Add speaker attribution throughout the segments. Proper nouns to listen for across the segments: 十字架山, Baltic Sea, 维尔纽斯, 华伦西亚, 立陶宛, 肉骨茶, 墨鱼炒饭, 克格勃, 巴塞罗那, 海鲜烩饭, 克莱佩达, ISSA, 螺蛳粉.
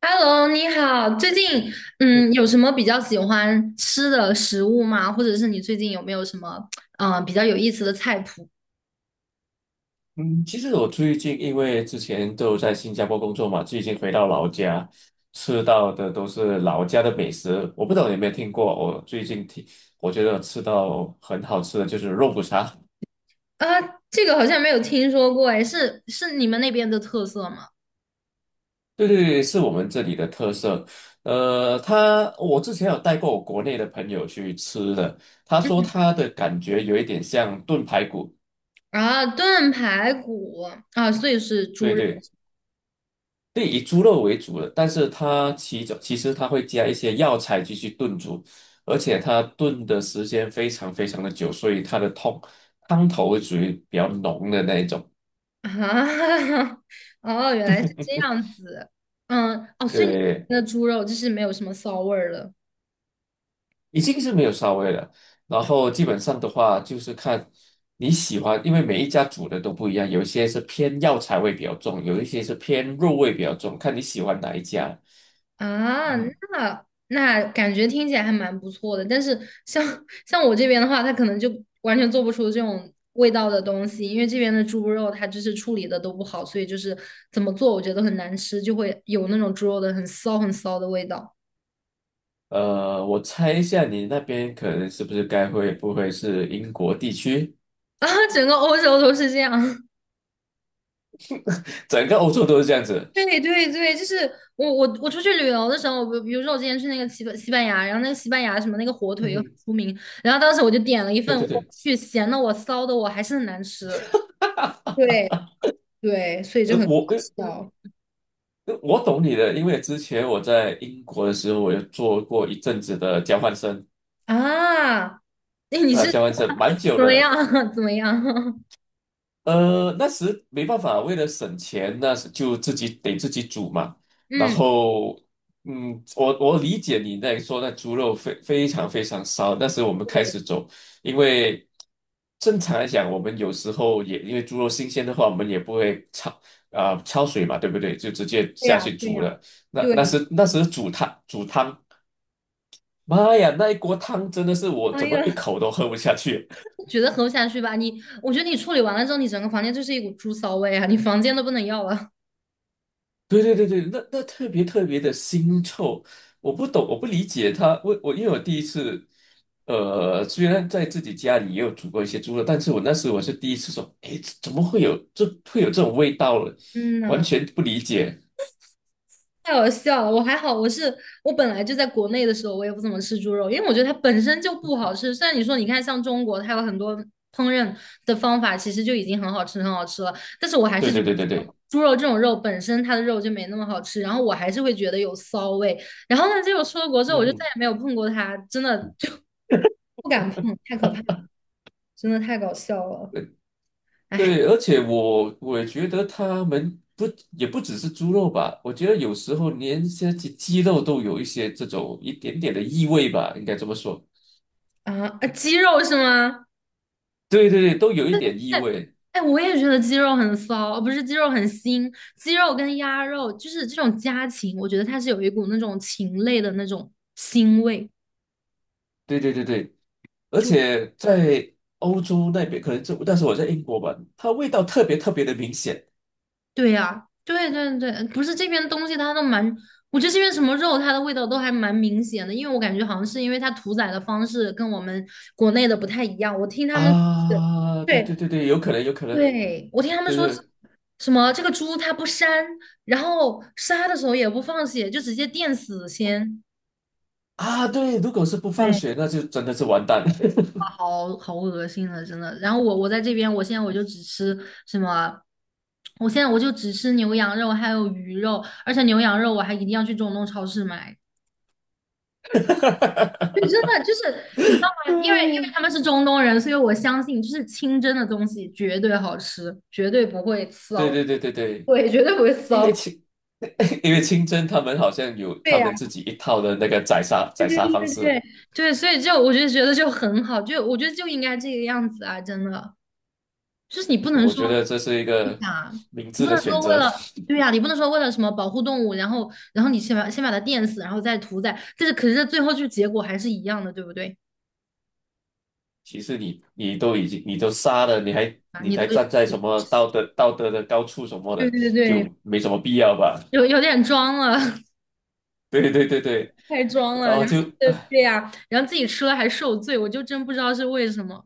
Speaker 1: Hello，你好，最近有什么比较喜欢吃的食物吗？或者是你最近有没有什么比较有意思的菜谱？
Speaker 2: 嗯，其实我最近因为之前都在新加坡工作嘛，最近回到老家，吃到的都是老家的美食。我不知道你有没有听过，我最近听，我觉得吃到很好吃的就是肉骨茶。
Speaker 1: 啊，这个好像没有听说过，哎，是你们那边的特色吗？
Speaker 2: 对对对，是我们这里的特色。他我之前有带过我国内的朋友去吃的，他说
Speaker 1: 嗯，
Speaker 2: 他的感觉有一点像炖排骨。
Speaker 1: 啊，炖排骨啊，所以是猪
Speaker 2: 对
Speaker 1: 肉
Speaker 2: 对，对，以猪肉为主的，但是它其中其实它会加一些药材进去炖煮，而且它炖的时间非常非常的久，所以它的汤汤头会属于比较浓的那一种。
Speaker 1: 啊，哦，原来是这样子，嗯，哦，所以你
Speaker 2: 对，
Speaker 1: 们的猪肉就是没有什么骚味儿了。
Speaker 2: 已经是没有骚味了。然后基本上的话，就是看你喜欢，因为每一家煮的都不一样，有一些是偏药材味比较重，有一些是偏肉味比较重，看你喜欢哪一家。
Speaker 1: 啊，
Speaker 2: 嗯，
Speaker 1: 那感觉听起来还蛮不错的，但是像 像我这边的话，它可能就完全做不出这种味道的东西，因为这边的猪肉它就是处理的都不好，所以就是怎么做我觉得很难吃，就会有那种猪肉的很骚很骚的味道
Speaker 2: 我猜一下，你那边可能是不是该会不会是英国地区？
Speaker 1: 啊，整个欧洲都是这样。
Speaker 2: 整个欧洲都是这样子。
Speaker 1: 对对对，就是我出去旅游的时候，比如说我之前去那个西班牙，然后那个西班牙什么那个火腿又很
Speaker 2: 嗯
Speaker 1: 出名，然后当时我就点了一
Speaker 2: 对
Speaker 1: 份，
Speaker 2: 对
Speaker 1: 我
Speaker 2: 对，
Speaker 1: 去咸的我骚的我还是很难吃。对对，所以就很搞
Speaker 2: 我
Speaker 1: 笑
Speaker 2: 我懂你的，因为之前我在英国的时候，我有做过一阵子的交换生，
Speaker 1: 啊！那你是
Speaker 2: 啊、交换生蛮久
Speaker 1: 怎
Speaker 2: 的
Speaker 1: 么样？
Speaker 2: 了。
Speaker 1: 怎么样？
Speaker 2: 那时没办法，为了省钱，那时就自己得自己煮嘛。然
Speaker 1: 嗯，
Speaker 2: 后，嗯，我理解你在说那猪肉非常非常骚。那时我们开
Speaker 1: 对，
Speaker 2: 始走，因为正常来讲，我们有时候也因为猪肉新鲜的话，我们也不会焯啊、焯水嘛，对不对？就直接
Speaker 1: 对
Speaker 2: 下
Speaker 1: 呀，
Speaker 2: 去
Speaker 1: 对
Speaker 2: 煮
Speaker 1: 呀，
Speaker 2: 了。那
Speaker 1: 对。
Speaker 2: 那 时那时煮汤，妈呀，那一锅汤真的是我
Speaker 1: 哎
Speaker 2: 怎么一
Speaker 1: 呀，
Speaker 2: 口都喝不下去。
Speaker 1: 觉得喝不下去吧？我觉得你处理完了之后，你整个房间就是一股猪骚味啊！你房间都不能要了。
Speaker 2: 对对对对，那那特别特别的腥臭，我不懂，我不理解他。我因为我第一次，虽然在自己家里也有煮过一些猪肉，但是我那时我是第一次说，哎，这怎么会有会有这种味道了？
Speaker 1: 嗯
Speaker 2: 完
Speaker 1: 呐。
Speaker 2: 全不理解。
Speaker 1: 太好笑了，我还好，我本来就在国内的时候，我也不怎么吃猪肉，因为我觉得它本身就不好吃。虽然你说你看像中国，它有很多烹饪的方法，其实就已经很好吃很好吃了，但是我还
Speaker 2: 对
Speaker 1: 是觉
Speaker 2: 对对对
Speaker 1: 得
Speaker 2: 对，
Speaker 1: 猪肉这种肉本身它的肉就没那么好吃，然后我还是会觉得有骚味。然后呢，结果出了国之后，我
Speaker 2: 嗯
Speaker 1: 就再
Speaker 2: 哼，
Speaker 1: 也没有碰过它，真的就不敢碰，太可怕了真的太搞笑了
Speaker 2: 呃对，而且我觉得他们不也不只是猪肉吧，我觉得有时候连些鸡肉都有一些这种一点点的异味吧，应该这么说。
Speaker 1: 啊！啊鸡肉是吗？
Speaker 2: 对对对，都有一点异味。
Speaker 1: 哎，我也觉得鸡肉很骚，哦不是鸡肉很腥，鸡肉跟鸭肉就是这种家禽，我觉得它是有一股那种禽类的那种腥味。
Speaker 2: 对对对对，而
Speaker 1: 就
Speaker 2: 且在欧洲那边，可能就但是我在英国吧，它味道特别特别的明显
Speaker 1: 对呀、对对对，不是这边东西它都蛮，我觉得这边什么肉它的味道都还蛮明显的，因为我感觉好像是因为它屠宰的方式跟我们国内的不太一样。我听他们是
Speaker 2: 啊！对对
Speaker 1: 对
Speaker 2: 对对，有可能有可能，
Speaker 1: 对，我听他们
Speaker 2: 对
Speaker 1: 说
Speaker 2: 对
Speaker 1: 什么这个猪它不膻，然后杀的时候也不放血，就直接电死先。
Speaker 2: 啊，对，如果是不放
Speaker 1: 对。
Speaker 2: 血，那就真的是完蛋了。
Speaker 1: 好好恶心了，真的。然后我在这边，什么，我现在我就只吃牛羊肉还有鱼肉，而且牛羊肉我还一定要去中东超市买。对，真的就是你知道吗？因为
Speaker 2: 嗯，
Speaker 1: 他们是中东人，所以我相信就是清真的东西绝对好吃，绝对不会
Speaker 2: 对
Speaker 1: 骚，
Speaker 2: 对对对对，
Speaker 1: 对，绝对不会
Speaker 2: 因
Speaker 1: 骚。
Speaker 2: 为清 因为清真他们好像有
Speaker 1: 对
Speaker 2: 他
Speaker 1: 呀、
Speaker 2: 们自己一套的那个宰杀
Speaker 1: 对
Speaker 2: 宰
Speaker 1: 对
Speaker 2: 杀方
Speaker 1: 对
Speaker 2: 式，
Speaker 1: 对对，所以就我就觉得就很好，就我觉得就应该这个样子啊，真的，就是你不能
Speaker 2: 我觉得
Speaker 1: 说。
Speaker 2: 这是一个
Speaker 1: 啊，
Speaker 2: 明
Speaker 1: 你
Speaker 2: 智
Speaker 1: 不
Speaker 2: 的
Speaker 1: 能
Speaker 2: 选
Speaker 1: 说为
Speaker 2: 择。
Speaker 1: 了，对呀、你不能说为了什么保护动物，然后你先把它电死，然后再屠宰，但是最后就结果还是一样的，对不对？
Speaker 2: 其实你都已经你都杀了，你还
Speaker 1: 啊，
Speaker 2: 你
Speaker 1: 你都
Speaker 2: 还
Speaker 1: 对
Speaker 2: 站在什么道德的高处什么
Speaker 1: 对
Speaker 2: 的，
Speaker 1: 对，对，
Speaker 2: 就没什么必要吧？
Speaker 1: 有 有点装了，
Speaker 2: 对对对对，
Speaker 1: 太装
Speaker 2: 然
Speaker 1: 了，
Speaker 2: 后
Speaker 1: 然后
Speaker 2: 就
Speaker 1: 对
Speaker 2: 哎，
Speaker 1: 对呀、然后自己吃了还受罪，我就真不知道是为什么。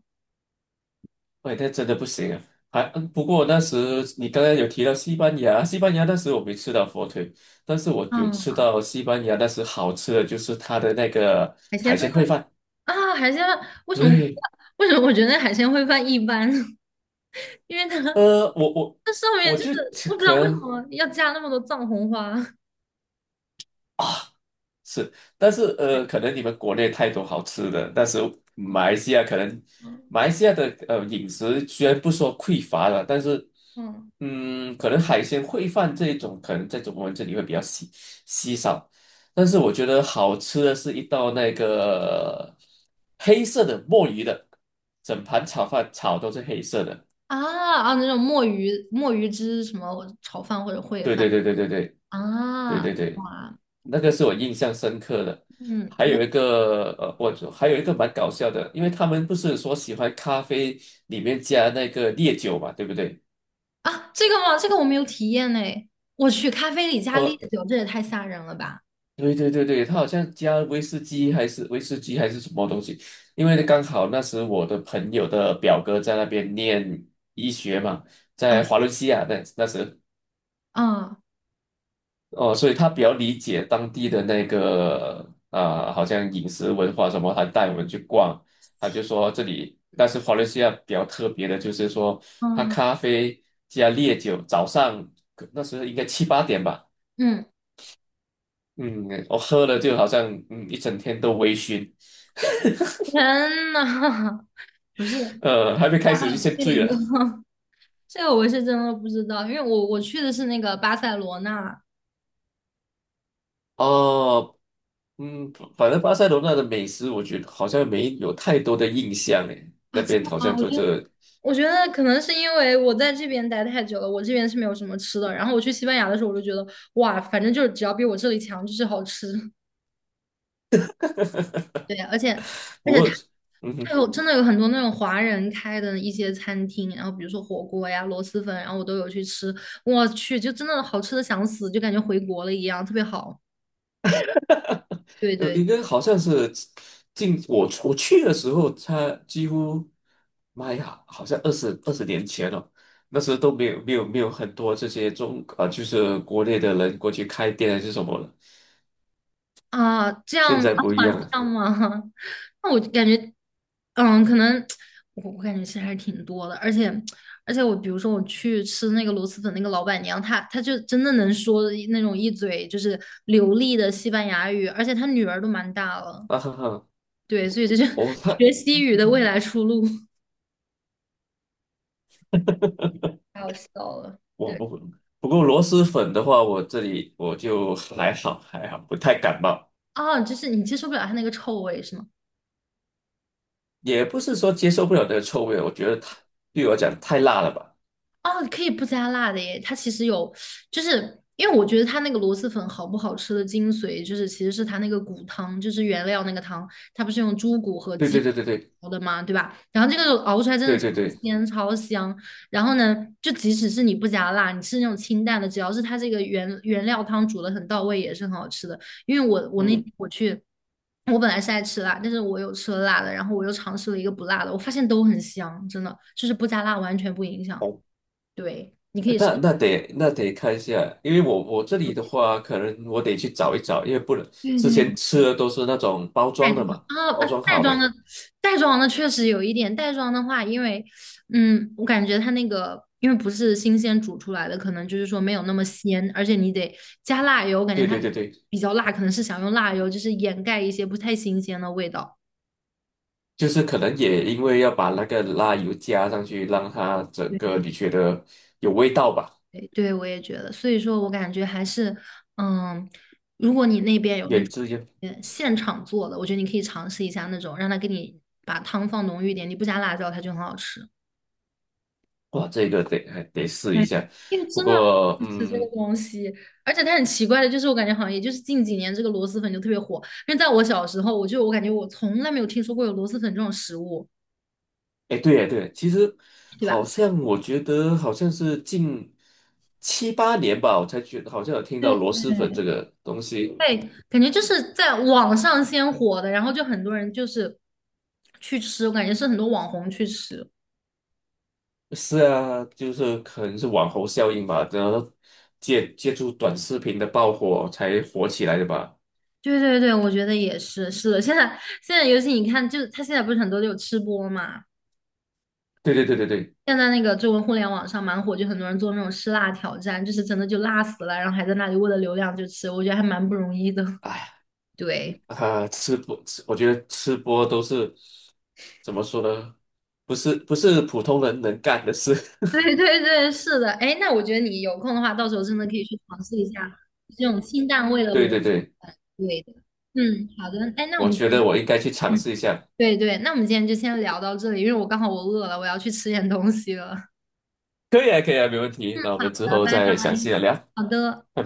Speaker 2: 喂那真的不行啊！还嗯不过那时你刚刚有提到西班牙，西班牙那时我没吃到火腿，但是我有吃
Speaker 1: 嗯，
Speaker 2: 到西班牙那时好吃的就是它的那个
Speaker 1: 海鲜
Speaker 2: 海
Speaker 1: 饭
Speaker 2: 鲜烩饭。
Speaker 1: 啊，海鲜饭为什么我
Speaker 2: 对，
Speaker 1: 为什么我觉得海鲜烩饭一般？因为它
Speaker 2: 呃，我我
Speaker 1: 它上面
Speaker 2: 我
Speaker 1: 就是
Speaker 2: 就
Speaker 1: 我不知
Speaker 2: 可
Speaker 1: 道为什
Speaker 2: 能
Speaker 1: 么要加那么多藏红花。
Speaker 2: 是，但是可能你们国内太多好吃的，但是马来西亚可能
Speaker 1: 嗯
Speaker 2: 马来西亚的饮食虽然不说匮乏了，但是
Speaker 1: 嗯。
Speaker 2: 嗯，可能海鲜烩饭这一种，可能在中国人这里会比较稀少。但是我觉得好吃的是一道那个黑色的墨鱼的，整盘炒饭炒都是黑色的。
Speaker 1: 啊啊，那种墨鱼汁什么炒饭或者烩
Speaker 2: 对
Speaker 1: 饭
Speaker 2: 对对对对对对
Speaker 1: 啊，
Speaker 2: 对对。
Speaker 1: 哇，
Speaker 2: 那个是我印象深刻的。
Speaker 1: 嗯，
Speaker 2: 还
Speaker 1: 那
Speaker 2: 有一个我还有一个蛮搞笑的，因为他们不是说喜欢咖啡里面加那个烈酒嘛，对不对？
Speaker 1: 啊，这个吗？这个我没有体验呢。我去咖啡里加烈
Speaker 2: 呃，
Speaker 1: 酒，这也太吓人了吧！
Speaker 2: 对对对对，他好像加威士忌还是威士忌还是什么东西，因为刚好那时我的朋友的表哥在那边念医学嘛，在
Speaker 1: 啊
Speaker 2: 华伦西亚那那时。
Speaker 1: 啊
Speaker 2: 哦，所以他比较理解当地的那个啊、好像饮食文化什么，他带我们去逛，他就说这里，但是华伦西亚比较特别的就是说，他
Speaker 1: 啊
Speaker 2: 咖啡加烈酒，早上那时候应该七八点吧，
Speaker 1: 嗯，
Speaker 2: 嗯，我喝了就好像嗯一整天都微醺。
Speaker 1: 天呐，不是，
Speaker 2: 还没
Speaker 1: 啊
Speaker 2: 开始就先
Speaker 1: 这
Speaker 2: 醉
Speaker 1: 个
Speaker 2: 了。
Speaker 1: 这个我是真的不知道，因为我去的是那个巴塞罗那
Speaker 2: 哦，嗯，反正巴塞罗那的美食，我觉得好像没有太多的印象诶，那
Speaker 1: 啊，真
Speaker 2: 边
Speaker 1: 的
Speaker 2: 好像
Speaker 1: 吗？我
Speaker 2: 就
Speaker 1: 觉得
Speaker 2: 这，
Speaker 1: 我觉得可能是因为我在这边待太久了，我这边是没有什么吃的。然后我去西班牙的时候，我就觉得哇，反正就是只要比我这里强，就是好吃。对，而且而
Speaker 2: 不
Speaker 1: 且它
Speaker 2: 过。嗯
Speaker 1: 它
Speaker 2: 哼
Speaker 1: 真的有很多那种华人开的一些餐厅，然后比如说火锅呀、螺蛳粉，然后我都有去吃。我去，就真的好吃的想死，就感觉回国了一样，特别好。对对
Speaker 2: 应该好像是进我去的时候，他几乎，妈呀，好像20年前了，那时候都没有很多这些中啊、就是国内的人过去开店还是什么的，
Speaker 1: 啊，这样
Speaker 2: 现
Speaker 1: 吗？
Speaker 2: 在不一
Speaker 1: 啊，
Speaker 2: 样了，
Speaker 1: 这样吗？那我感觉，嗯，可能我感觉其实还是挺多的，而且我比如说我去吃那个螺蛳粉，那个老板娘她就真的能说那种一嘴就是流利的西班牙语，而且她女儿都蛮大了，
Speaker 2: 啊哈哈，
Speaker 1: 对，所以这就是
Speaker 2: 我 他
Speaker 1: 学西语的未来出路，太好笑了。
Speaker 2: 我
Speaker 1: 对，
Speaker 2: 不不过螺蛳粉的话，我这里我就还好，不太感冒，
Speaker 1: 哦，就是你接受不了她那个臭味是吗？
Speaker 2: 也不是说接受不了那个臭味，我觉得太对我来讲太辣了吧，
Speaker 1: 哦，可以不加辣的耶。它其实有，就是因为我觉得它那个螺蛳粉好不好吃的精髓，就是其实是它那个骨汤，就是原料那个汤，它不是用猪骨和
Speaker 2: 对对
Speaker 1: 鸡
Speaker 2: 对对对
Speaker 1: 熬的嘛，对吧？然后这个熬出来真的
Speaker 2: 对
Speaker 1: 超
Speaker 2: 对对，
Speaker 1: 鲜超香。然后呢，就即使是你不加辣，你吃那种清淡的，只要是它这个原料汤煮的很到位，也是很好吃的。因为我那天
Speaker 2: 嗯。
Speaker 1: 我去。我本来是爱吃辣，但是我有吃了辣的，然后我又尝试了一个不辣的，我发现都很香，真的，就是不加辣完全不影响。对，你可以试
Speaker 2: 那那得看一下，因为我我这里的话，可能我得去找一找，因为不能
Speaker 1: 对
Speaker 2: 之
Speaker 1: 对对，
Speaker 2: 前吃的都是那种包
Speaker 1: 带
Speaker 2: 装
Speaker 1: 妆
Speaker 2: 的嘛，
Speaker 1: 啊，
Speaker 2: 包装
Speaker 1: 袋
Speaker 2: 好
Speaker 1: 装
Speaker 2: 的。
Speaker 1: 的袋装的确实有一点，袋装的话，因为我感觉它那个因为不是新鲜煮出来的，可能就是说没有那么鲜，而且你得加辣油，我感觉
Speaker 2: 对
Speaker 1: 它
Speaker 2: 对对对，
Speaker 1: 比较辣，可能是想用辣油就是掩盖一些不太新鲜的味道。
Speaker 2: 就是可能也因为要把那个辣油加上去，让它整个
Speaker 1: 对
Speaker 2: 你觉得有味道吧，
Speaker 1: 对，对我也觉得，所以说我感觉还是，嗯，如果你那边有那
Speaker 2: 原
Speaker 1: 种
Speaker 2: 汁原
Speaker 1: 现场做的，我觉得你可以尝试一下那种，让他给你把汤放浓郁一点，你不加辣椒，它就很好吃。
Speaker 2: 哇，这个得还得试一
Speaker 1: 对，
Speaker 2: 下。
Speaker 1: 因为
Speaker 2: 不
Speaker 1: 真的
Speaker 2: 过
Speaker 1: 很吃这个
Speaker 2: 嗯，
Speaker 1: 东西，而且它很奇怪的，就是我感觉好像也就是近几年这个螺蛳粉就特别火，因为在我小时候，我感觉我从来没有听说过有螺蛳粉这种食物，
Speaker 2: 哎对呀对啊其实
Speaker 1: 对
Speaker 2: 好
Speaker 1: 吧？
Speaker 2: 像我觉得好像是近七八年吧，我才觉得好像有听
Speaker 1: 对，
Speaker 2: 到螺蛳粉这个东西。
Speaker 1: 对，感觉就是在网上先火的，然后就很多人就是去吃，我感觉是很多网红去吃。
Speaker 2: 是啊，就是可能是网红效应吧，然后借助短视频的爆火才火起来的吧。
Speaker 1: 对对对，我觉得也是，是的。现在，尤其你看，就是他现在不是很多都有吃播嘛，
Speaker 2: 对对对对对，
Speaker 1: 现在那个中文互联网上蛮火，就很多人做那种吃辣挑战，就是真的就辣死了，然后还在那里为了流量就吃，我觉得还蛮不容易的。
Speaker 2: 哎，
Speaker 1: 对，
Speaker 2: 啊，吃播，我觉得吃播都是怎么说呢？不是普通人能干的事。
Speaker 1: 对对对，是的，哎，那我觉得你有空的话，到时候真的可以去尝试一下这种清淡味 的螺
Speaker 2: 对
Speaker 1: 蛳
Speaker 2: 对对，
Speaker 1: 粉。对的。嗯，好的，哎，那我
Speaker 2: 我
Speaker 1: 们今
Speaker 2: 觉
Speaker 1: 天，
Speaker 2: 得我应该去尝
Speaker 1: 嗯，
Speaker 2: 试一下。
Speaker 1: 对对，那我们今天就先聊到这里，因为我刚好饿了，我要去吃点东西了。
Speaker 2: 可以啊，可以啊，没问题。那我们之
Speaker 1: 好的，
Speaker 2: 后
Speaker 1: 拜拜。
Speaker 2: 再详细的聊，拜
Speaker 1: 好的。
Speaker 2: 拜。